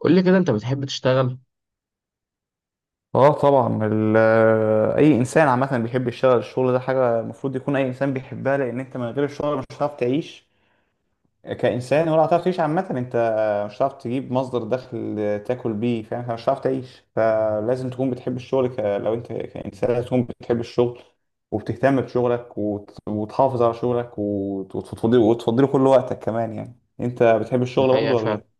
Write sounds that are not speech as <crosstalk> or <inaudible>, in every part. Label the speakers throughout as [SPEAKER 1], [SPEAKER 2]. [SPEAKER 1] قول لي كده، انت بتحب تشتغل؟
[SPEAKER 2] اه طبعا اي انسان عامه بيحب يشتغل. الشغل ده حاجه المفروض يكون اي انسان بيحبها، لان انت من غير الشغل مش هتعرف تعيش كانسان، ولا هتعرف تعيش عامه. انت مش هتعرف تجيب مصدر دخل تاكل بيه، فاهم؟ مش هتعرف تعيش، فلازم تكون بتحب الشغل. لو انت كانسان لازم تكون بتحب الشغل وبتهتم بشغلك وتحافظ على شغلك وتفضيله كل وقتك كمان. يعني انت بتحب الشغل
[SPEAKER 1] الحقيقة
[SPEAKER 2] برضه ولا
[SPEAKER 1] فعلا
[SPEAKER 2] ايه؟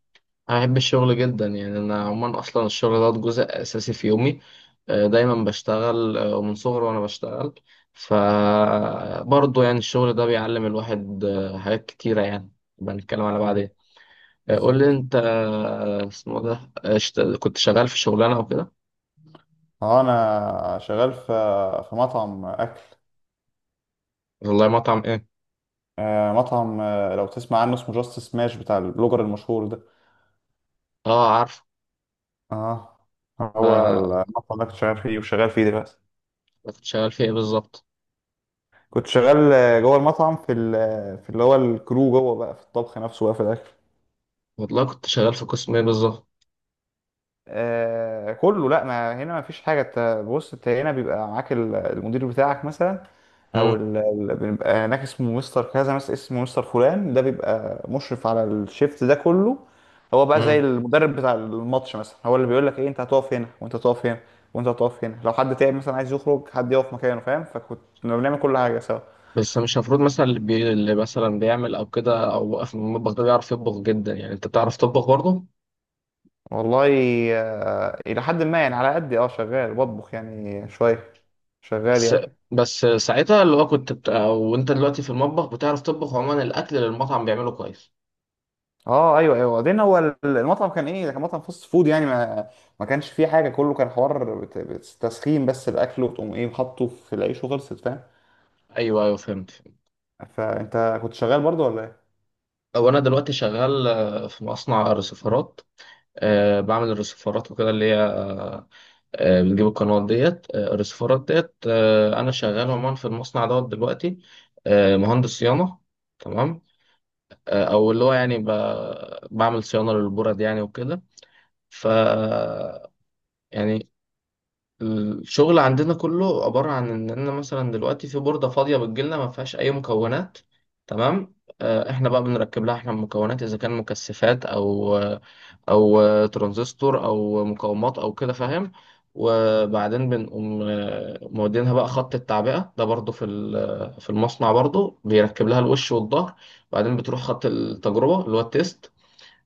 [SPEAKER 1] انا بحب الشغل جدا. يعني انا عموما اصلا الشغل ده جزء اساسي في يومي. دايما بشتغل، ومن صغري وانا بشتغل. فبرضه يعني الشغل ده بيعلم الواحد حاجات كتيرة يعني. بنتكلم على بعدين.
[SPEAKER 2] مم،
[SPEAKER 1] قول لي
[SPEAKER 2] بالظبط.
[SPEAKER 1] انت، اسمه ده، كنت شغال في شغلانة وكده.
[SPEAKER 2] اه انا شغال في مطعم اكل.
[SPEAKER 1] والله مطعم ايه؟
[SPEAKER 2] مطعم، لو تسمع عنه اسمه جاست سماش بتاع البلوجر المشهور ده.
[SPEAKER 1] اه عارف.
[SPEAKER 2] اه. هو
[SPEAKER 1] ف-
[SPEAKER 2] المطعم ده كنت شغال فيه وشغال فيه دلوقتي.
[SPEAKER 1] كنت شغال في ايه بالظبط؟
[SPEAKER 2] كنت شغال جوه المطعم في في اللي هو الكرو، جوه بقى في الطبخ نفسه بقى، في الاكل.
[SPEAKER 1] والله كنت شغال في قسم ايه بالظبط؟
[SPEAKER 2] آه كله، لا ما هنا ما فيش حاجه. انت بص، انت هنا بيبقى معاك المدير بتاعك مثلا، او
[SPEAKER 1] مم،
[SPEAKER 2] بيبقى هناك اسمه مستر كذا، مثلا اسمه مستر فلان، ده بيبقى مشرف على الشيفت ده كله. هو بقى زي
[SPEAKER 1] مم.
[SPEAKER 2] المدرب بتاع الماتش مثلا، هو اللي بيقول لك ايه، انت هتقف هنا وانت هتقف هنا وانت هتقف هنا. لو حد تعب مثلا، عايز يخرج، حد يقف مكانه، فاهم؟ فكنت كنا بنعمل كل حاجه سوا.
[SPEAKER 1] بس مش المفروض مثلا اللي مثلا بيعمل او كده او واقف من المطبخ ده بيعرف يطبخ جدا؟ يعني انت بتعرف تطبخ برضه؟
[SPEAKER 2] والله الى حد ما، يعني على قد اه شغال بطبخ يعني شويه، شغال
[SPEAKER 1] بس
[SPEAKER 2] يعني.
[SPEAKER 1] بس ساعتها اللي هو كنت بت... او انت دلوقتي في المطبخ بتعرف تطبخ عموما الاكل اللي المطعم بيعمله كويس؟
[SPEAKER 2] اه ايوه ايوه. وبعدين هو المطعم كان ايه، ده كان مطعم فاست فود، يعني ما كانش فيه حاجه، كله كان حوار تسخين بس الاكل، وتقوم ايه حاطه في العيش وخلصت، فاهم؟
[SPEAKER 1] ايوه ايوه، فهمت فهمت.
[SPEAKER 2] فانت كنت شغال برضه ولا ايه؟
[SPEAKER 1] او انا دلوقتي شغال في مصنع رسيفرات. أه، بعمل الرسيفرات وكده اللي هي أه، بنجيب القنوات ديت، الرسيفرات ديت. أه انا شغال عموما في المصنع دوت دلوقتي. أه مهندس صيانه، تمام. او اللي هو يعني ب... بعمل صيانه للبرد يعني وكده. ف يعني الشغل عندنا كله عباره عن ان انا مثلا دلوقتي في برده فاضيه بتجيلنا ما فيهاش اي مكونات، تمام. احنا بقى بنركب لها احنا المكونات، اذا كان مكثفات او ترانزستور او مقاومات او كده، فاهم. وبعدين بنقوم مودينها بقى خط التعبئه ده، برضو في المصنع برضو بيركب لها الوش والظهر. بعدين بتروح خط التجربه اللي هو التيست،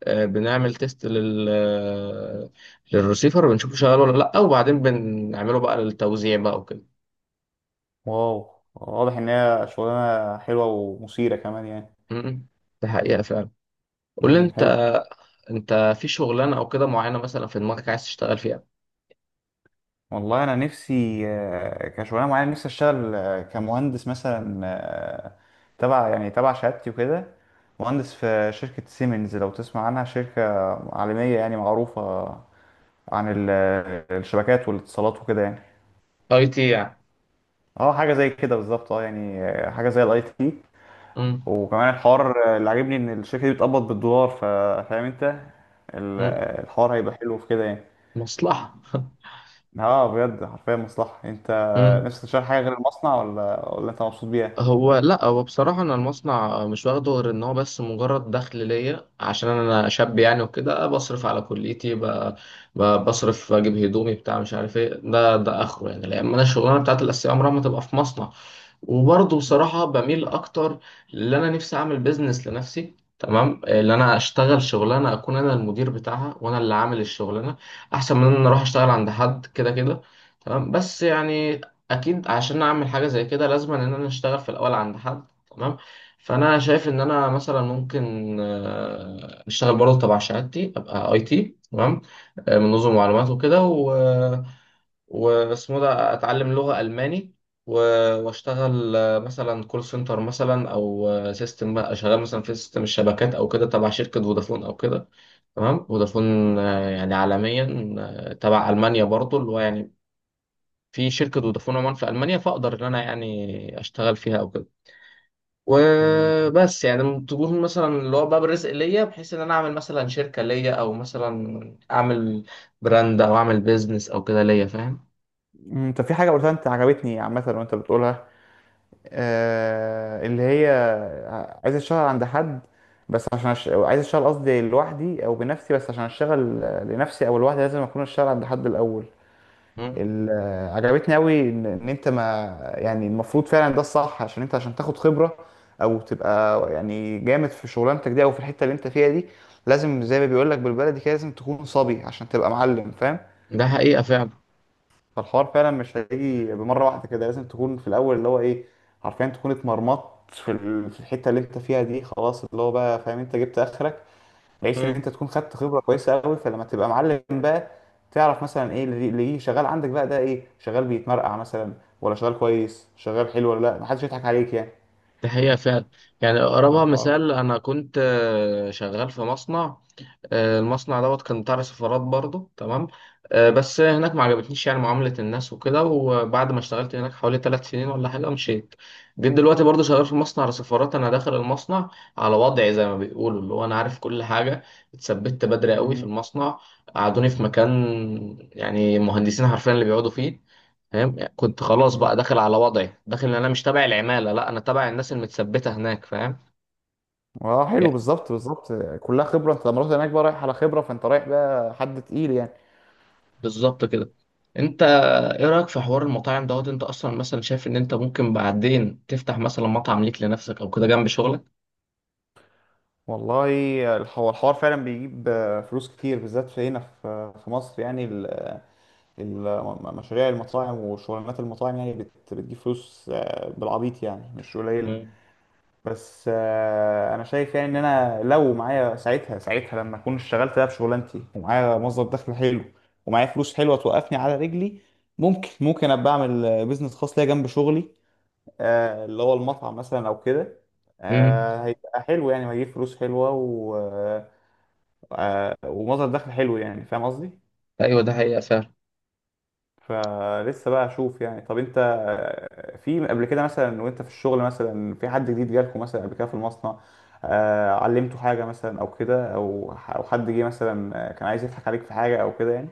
[SPEAKER 1] بنعمل تيست للرسيفر، بنشوفه شغال ولا لا، وبعدين بنعمله بقى للتوزيع بقى وكده.
[SPEAKER 2] واو، واضح ان هي شغلانه حلوه ومثيره كمان يعني.
[SPEAKER 1] امم، ده حقيقة فعلا. قول لي
[SPEAKER 2] امم،
[SPEAKER 1] انت،
[SPEAKER 2] حلو.
[SPEAKER 1] انت في شغلانة او كده معينة مثلا في دماغك عايز تشتغل فيها؟
[SPEAKER 2] والله انا نفسي كشغلانه معينه نفسي اشتغل كمهندس مثلا، تبع يعني تبع شهادتي وكده. مهندس في شركه سيمنز، لو تسمع عنها، شركه عالميه يعني معروفه عن الشبكات والاتصالات وكده يعني.
[SPEAKER 1] اي تي يعني؟
[SPEAKER 2] اه حاجه زي كده بالظبط، اه يعني حاجه زي الاي تي.
[SPEAKER 1] امم.
[SPEAKER 2] وكمان الحوار اللي عاجبني ان الشركه دي بتقبض بالدولار، فاهم انت؟ الحوار هيبقى حلو في كده يعني.
[SPEAKER 1] مصلحة. <laughs>
[SPEAKER 2] اه بجد، حرفيا مصلحه. انت
[SPEAKER 1] امم.
[SPEAKER 2] نفسك تشتغل حاجه غير المصنع ولا انت مبسوط بيها؟
[SPEAKER 1] هو لا هو بصراحة أنا المصنع مش واخده غير إن هو بس مجرد دخل ليا عشان أنا شاب يعني وكده. بصرف على كليتي ب- ب- بصرف أجيب هدومي بتاع، مش عارف إيه، ده آخره يعني، لأن أنا الشغلانة بتاعت الأساسية عمرها ما تبقى في مصنع. وبرضه بصراحة بميل أكتر اللي أنا نفسي أعمل بيزنس لنفسي، تمام، اللي أنا أشتغل شغلانة أكون أنا المدير بتاعها وأنا اللي عامل الشغلانة، أحسن من إن أنا أروح أشتغل عند حد. كده، تمام، بس يعني اكيد عشان اعمل حاجه زي كده لازم ان انا اشتغل في الاول عند حد، تمام. فانا شايف ان انا مثلا ممكن اشتغل برضه تبع شهادتي، ابقى اي تي، تمام، من نظم معلومات وكده واسمه ده، اتعلم لغه الماني و... واشتغل مثلا كول سنتر مثلا، او سيستم بقى، شغال مثلا في سيستم الشبكات او كده تبع شركه فودافون او كده، تمام. فودافون يعني عالميا، تبع المانيا برضه، اللي هو يعني في شركة فودافون عمان في ألمانيا، فأقدر إن أنا يعني أشتغل فيها أو كده.
[SPEAKER 2] مم.
[SPEAKER 1] وبس يعني تكون مثلا اللي هو باب الرزق ليا، بحيث إن أنا أعمل مثلا شركة ليا، أو مثلا أعمل براند أو أعمل بيزنس أو كده ليا، فاهم.
[SPEAKER 2] انت في حاجه قلتها انت عجبتني عامه وانت بتقولها، اللي هي عايز اشتغل عند حد بس عشان عايز اشتغل قصدي لوحدي او بنفسي، بس عشان اشتغل لنفسي او لوحدي لازم اكون اشتغل عند حد الاول.
[SPEAKER 1] مم.
[SPEAKER 2] عجبتني قوي ان إن انت ما يعني المفروض فعلا ده الصح، عشان انت عشان تاخد خبرة او تبقى يعني جامد في شغلانتك دي او في الحتة اللي انت فيها دي، لازم زي ما بيقول لك بالبلدي كده، لازم تكون صبي عشان تبقى معلم، فاهم؟
[SPEAKER 1] ده حقيقة فعلا.
[SPEAKER 2] فالحوار فعلا مش هيجي بمرة واحدة كده، لازم تكون في الأول اللي هو إيه، حرفيا تكون اتمرمطت في في الحتة اللي أنت فيها دي، خلاص اللي هو بقى فاهم أنت جبت آخرك، بحيث إن
[SPEAKER 1] مم.
[SPEAKER 2] أنت تكون خدت خبرة كويسة أوي. فلما تبقى معلم بقى تعرف مثلا إيه اللي شغال عندك بقى، ده إيه، شغال بيتمرقع مثلا ولا شغال كويس، شغال حلو ولا لأ، محدش يضحك عليك يعني.
[SPEAKER 1] ده حقيقة فعلا. يعني أقربها
[SPEAKER 2] فالحوار.
[SPEAKER 1] مثال، أنا كنت شغال في مصنع، المصنع دوت كان بتاع سفارات برضه، تمام. بس هناك ما عجبتنيش يعني معاملة الناس وكده، وبعد ما اشتغلت هناك حوالي 3 سنين ولا حاجة مشيت. جيت دلوقتي برضه شغال في مصنع سفارات، أنا داخل المصنع على وضعي زي ما بيقولوا، اللي هو أنا عارف كل حاجة. اتثبت بدري قوي في
[SPEAKER 2] مم.
[SPEAKER 1] المصنع، قعدوني في مكان يعني مهندسين حرفيا اللي بيقعدوا فيه، فاهم. كنت خلاص
[SPEAKER 2] مم.
[SPEAKER 1] بقى داخل على وضعي، داخل إن أنا مش تابع العمالة، لا أنا تابع الناس المتثبتة هناك، فاهم.
[SPEAKER 2] اه حلو، بالظبط بالظبط. كلها خبرة. أنت لما رحت هناك بقى رايح على خبرة، فأنت رايح بقى حد تقيل يعني.
[SPEAKER 1] بالظبط كده. انت ايه رأيك في حوار المطاعم دوت؟ انت اصلا مثلا شايف ان انت ممكن بعدين تفتح مثلا مطعم ليك لنفسك او كده جنب شغلك؟
[SPEAKER 2] والله، هو الحوار فعلا بيجيب فلوس كتير، بالذات في هنا في مصر، يعني مشاريع المطاعم وشغلانات المطاعم يعني بتجيب فلوس بالعبيط يعني، مش قليلة.
[SPEAKER 1] مم.
[SPEAKER 2] بس انا شايف يعني ان انا لو معايا ساعتها لما اكون اشتغلت بقى بشغلانتي، ومعايا مصدر دخل حلو ومعايا فلوس حلوة توقفني على رجلي، ممكن ابقى اعمل بيزنس خاص ليا جنب شغلي، اللي هو المطعم مثلا او كده.
[SPEAKER 1] مم.
[SPEAKER 2] هيبقى حلو يعني، وهيجيب فلوس حلوة ومصدر دخل حلو يعني، فاهم قصدي؟
[SPEAKER 1] ايوه، ده حقيقة فعلا.
[SPEAKER 2] فلسه بقى اشوف يعني. طب انت في قبل كده مثلا وانت في الشغل، مثلا في حد جديد جالكوا مثلا قبل كده في المصنع علمته حاجة مثلا او كده، او او حد جه مثلا كان عايز يضحك عليك في حاجة او كده يعني؟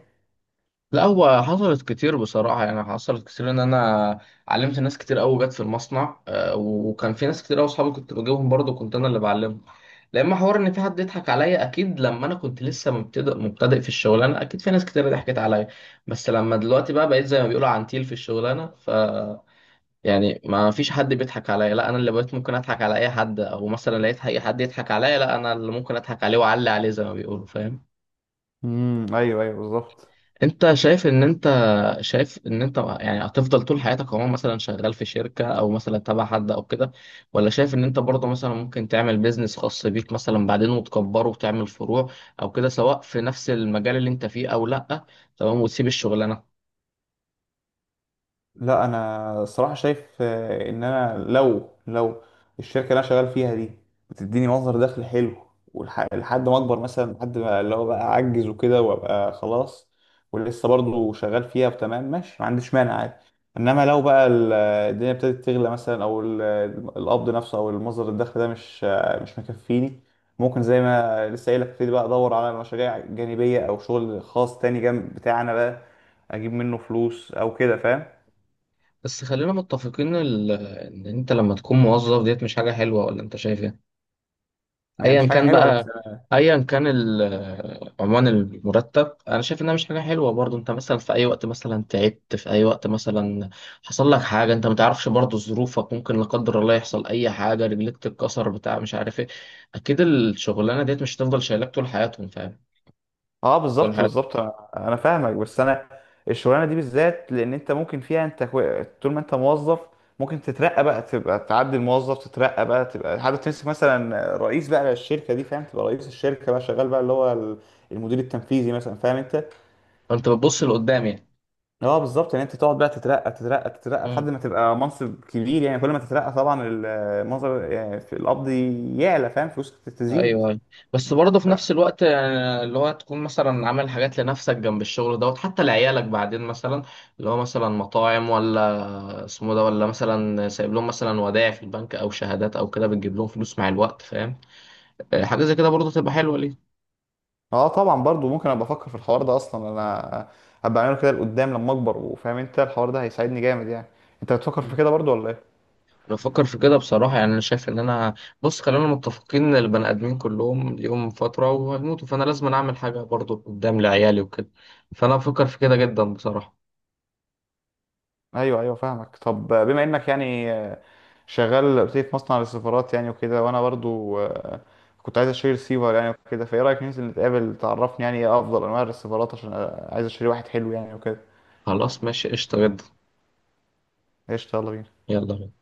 [SPEAKER 1] لا هو حصلت كتير بصراحة، يعني حصلت كتير ان انا علمت ناس كتير قوي جت في المصنع، وكان في ناس كتير قوي اصحابي كنت بجيبهم برضه، كنت انا اللي بعلمهم. لما حوار ان في حد يضحك عليا، اكيد لما انا كنت لسه مبتدئ مبتدئ في الشغلانه اكيد في ناس كتير ضحكت عليا، بس لما دلوقتي بقى بقيت زي ما بيقولوا عنتيل في الشغلانه، يعني ما فيش حد بيضحك عليا، لا انا اللي بقيت ممكن اضحك على اي حد، او مثلا لقيت اي حد يضحك عليا لا انا اللي ممكن اضحك عليه واعلي عليه زي ما بيقولوا، فاهم.
[SPEAKER 2] ايوه ايوه بالظبط.
[SPEAKER 1] انت شايف ان انت، شايف ان انت يعني هتفضل طول حياتك عموما مثلا شغال في شركة او مثلا تبع حد او كده، ولا شايف ان انت برضه مثلا ممكن تعمل بيزنس خاص بيك مثلا بعدين وتكبره وتعمل فروع او كده، سواء في نفس المجال اللي انت فيه او لا، تمام، وتسيب الشغلانة؟
[SPEAKER 2] لا انا الصراحه شايف ان انا لو الشركه اللي انا شغال فيها دي بتديني مصدر دخل حلو، لحد ما اكبر مثلا، لحد ما اللي هو بقى اعجز وكده وابقى خلاص ولسه برضو شغال فيها، تمام ماشي، ما عنديش مانع عادي. انما لو بقى الدنيا ابتدت تغلى مثلا، او القبض نفسه او المصدر الدخل ده مش مش مكفيني، ممكن زي ما لسه قايل لك ابتدي بقى ادور على مشاريع جانبيه او شغل خاص تاني جنب بتاعنا بقى، اجيب منه فلوس او كده، فاهم؟
[SPEAKER 1] بس خلينا متفقين ان انت لما تكون موظف ديت مش حاجة حلوة، ولا انت شايف ايه؟
[SPEAKER 2] ما هي
[SPEAKER 1] ايا
[SPEAKER 2] مش حاجه
[SPEAKER 1] كان
[SPEAKER 2] حلوه
[SPEAKER 1] بقى،
[SPEAKER 2] بس.
[SPEAKER 1] ايا كان عنوان المرتب، انا شايف انها مش حاجه حلوه. برضو انت مثلا في اي وقت مثلا تعبت، في اي وقت مثلا حصل لك حاجه انت ما تعرفش، برضو ظروفك ممكن لا قدر الله يحصل اي حاجه، رجلك تتكسر بتاع مش عارف ايه، اكيد الشغلانه ديت مش هتفضل شايلاك طول حياتهم، فاهم،
[SPEAKER 2] اه
[SPEAKER 1] طول
[SPEAKER 2] بالظبط
[SPEAKER 1] حياتك.
[SPEAKER 2] بالظبط. أنا فاهمك، بس انا الشغلانه دي بالذات لان انت ممكن فيها انت طول ما انت موظف ممكن تترقى بقى تبقى تعدي الموظف، تترقى بقى تبقى حابب تمسك مثلا رئيس بقى للشركه دي، فاهم؟ تبقى رئيس الشركه بقى، شغال بقى اللي هو المدير التنفيذي مثلا، فاهم انت؟
[SPEAKER 1] فانت بتبص لقدام
[SPEAKER 2] اه بالظبط، ان انت تقعد بقى تترقى لحد
[SPEAKER 1] يعني.
[SPEAKER 2] ما تبقى منصب كبير، يعني كل ما تترقى طبعا المنظر يعني في القبض يعلى، فاهم؟ فلوسك تزيد.
[SPEAKER 1] ايوه، أيوة. بس برضه في نفس الوقت اللي هو تكون مثلا عامل حاجات لنفسك جنب الشغل دوت، حتى لعيالك بعدين مثلا، اللي هو مثلا مطاعم ولا اسمه ده، ولا مثلا سايب لهم مثلا ودائع في البنك او شهادات او كده بتجيب لهم فلوس مع الوقت، فاهم. حاجه زي كده برضه تبقى حلوه ليه.
[SPEAKER 2] اه طبعا، برضو ممكن ابقى افكر في الحوار ده، اصلا انا ابقى اعمله كده لقدام لما اكبر، وفاهم انت الحوار ده هيساعدني جامد يعني. انت بتفكر في
[SPEAKER 1] مم.
[SPEAKER 2] كده برضو ولا ايه؟
[SPEAKER 1] انا بفكر في كده بصراحه، يعني انا شايف ان انا، بص خلينا متفقين ان البني ادمين كلهم ليهم فتره وهيموتوا، فانا لازم اعمل حاجه برضه قدام لعيالي وكده، فانا بفكر في كده جدا بصراحه.
[SPEAKER 2] ايوه ايوه فاهمك. طب بما انك يعني شغال قلت لي في مصنع للسيرفرات يعني وكده، وانا برضو كنت عايز اشتري ريسيفر يعني وكده، فايه رايك ننزل نتقابل تعرفني يعني ايه افضل انواع الريسيفرات، عشان عايز اشتري واحد حلو يعني وكده.
[SPEAKER 1] خلاص ماشي، قشطه جدا.
[SPEAKER 2] قشطة، يلا بينا.
[SPEAKER 1] يلا بينا.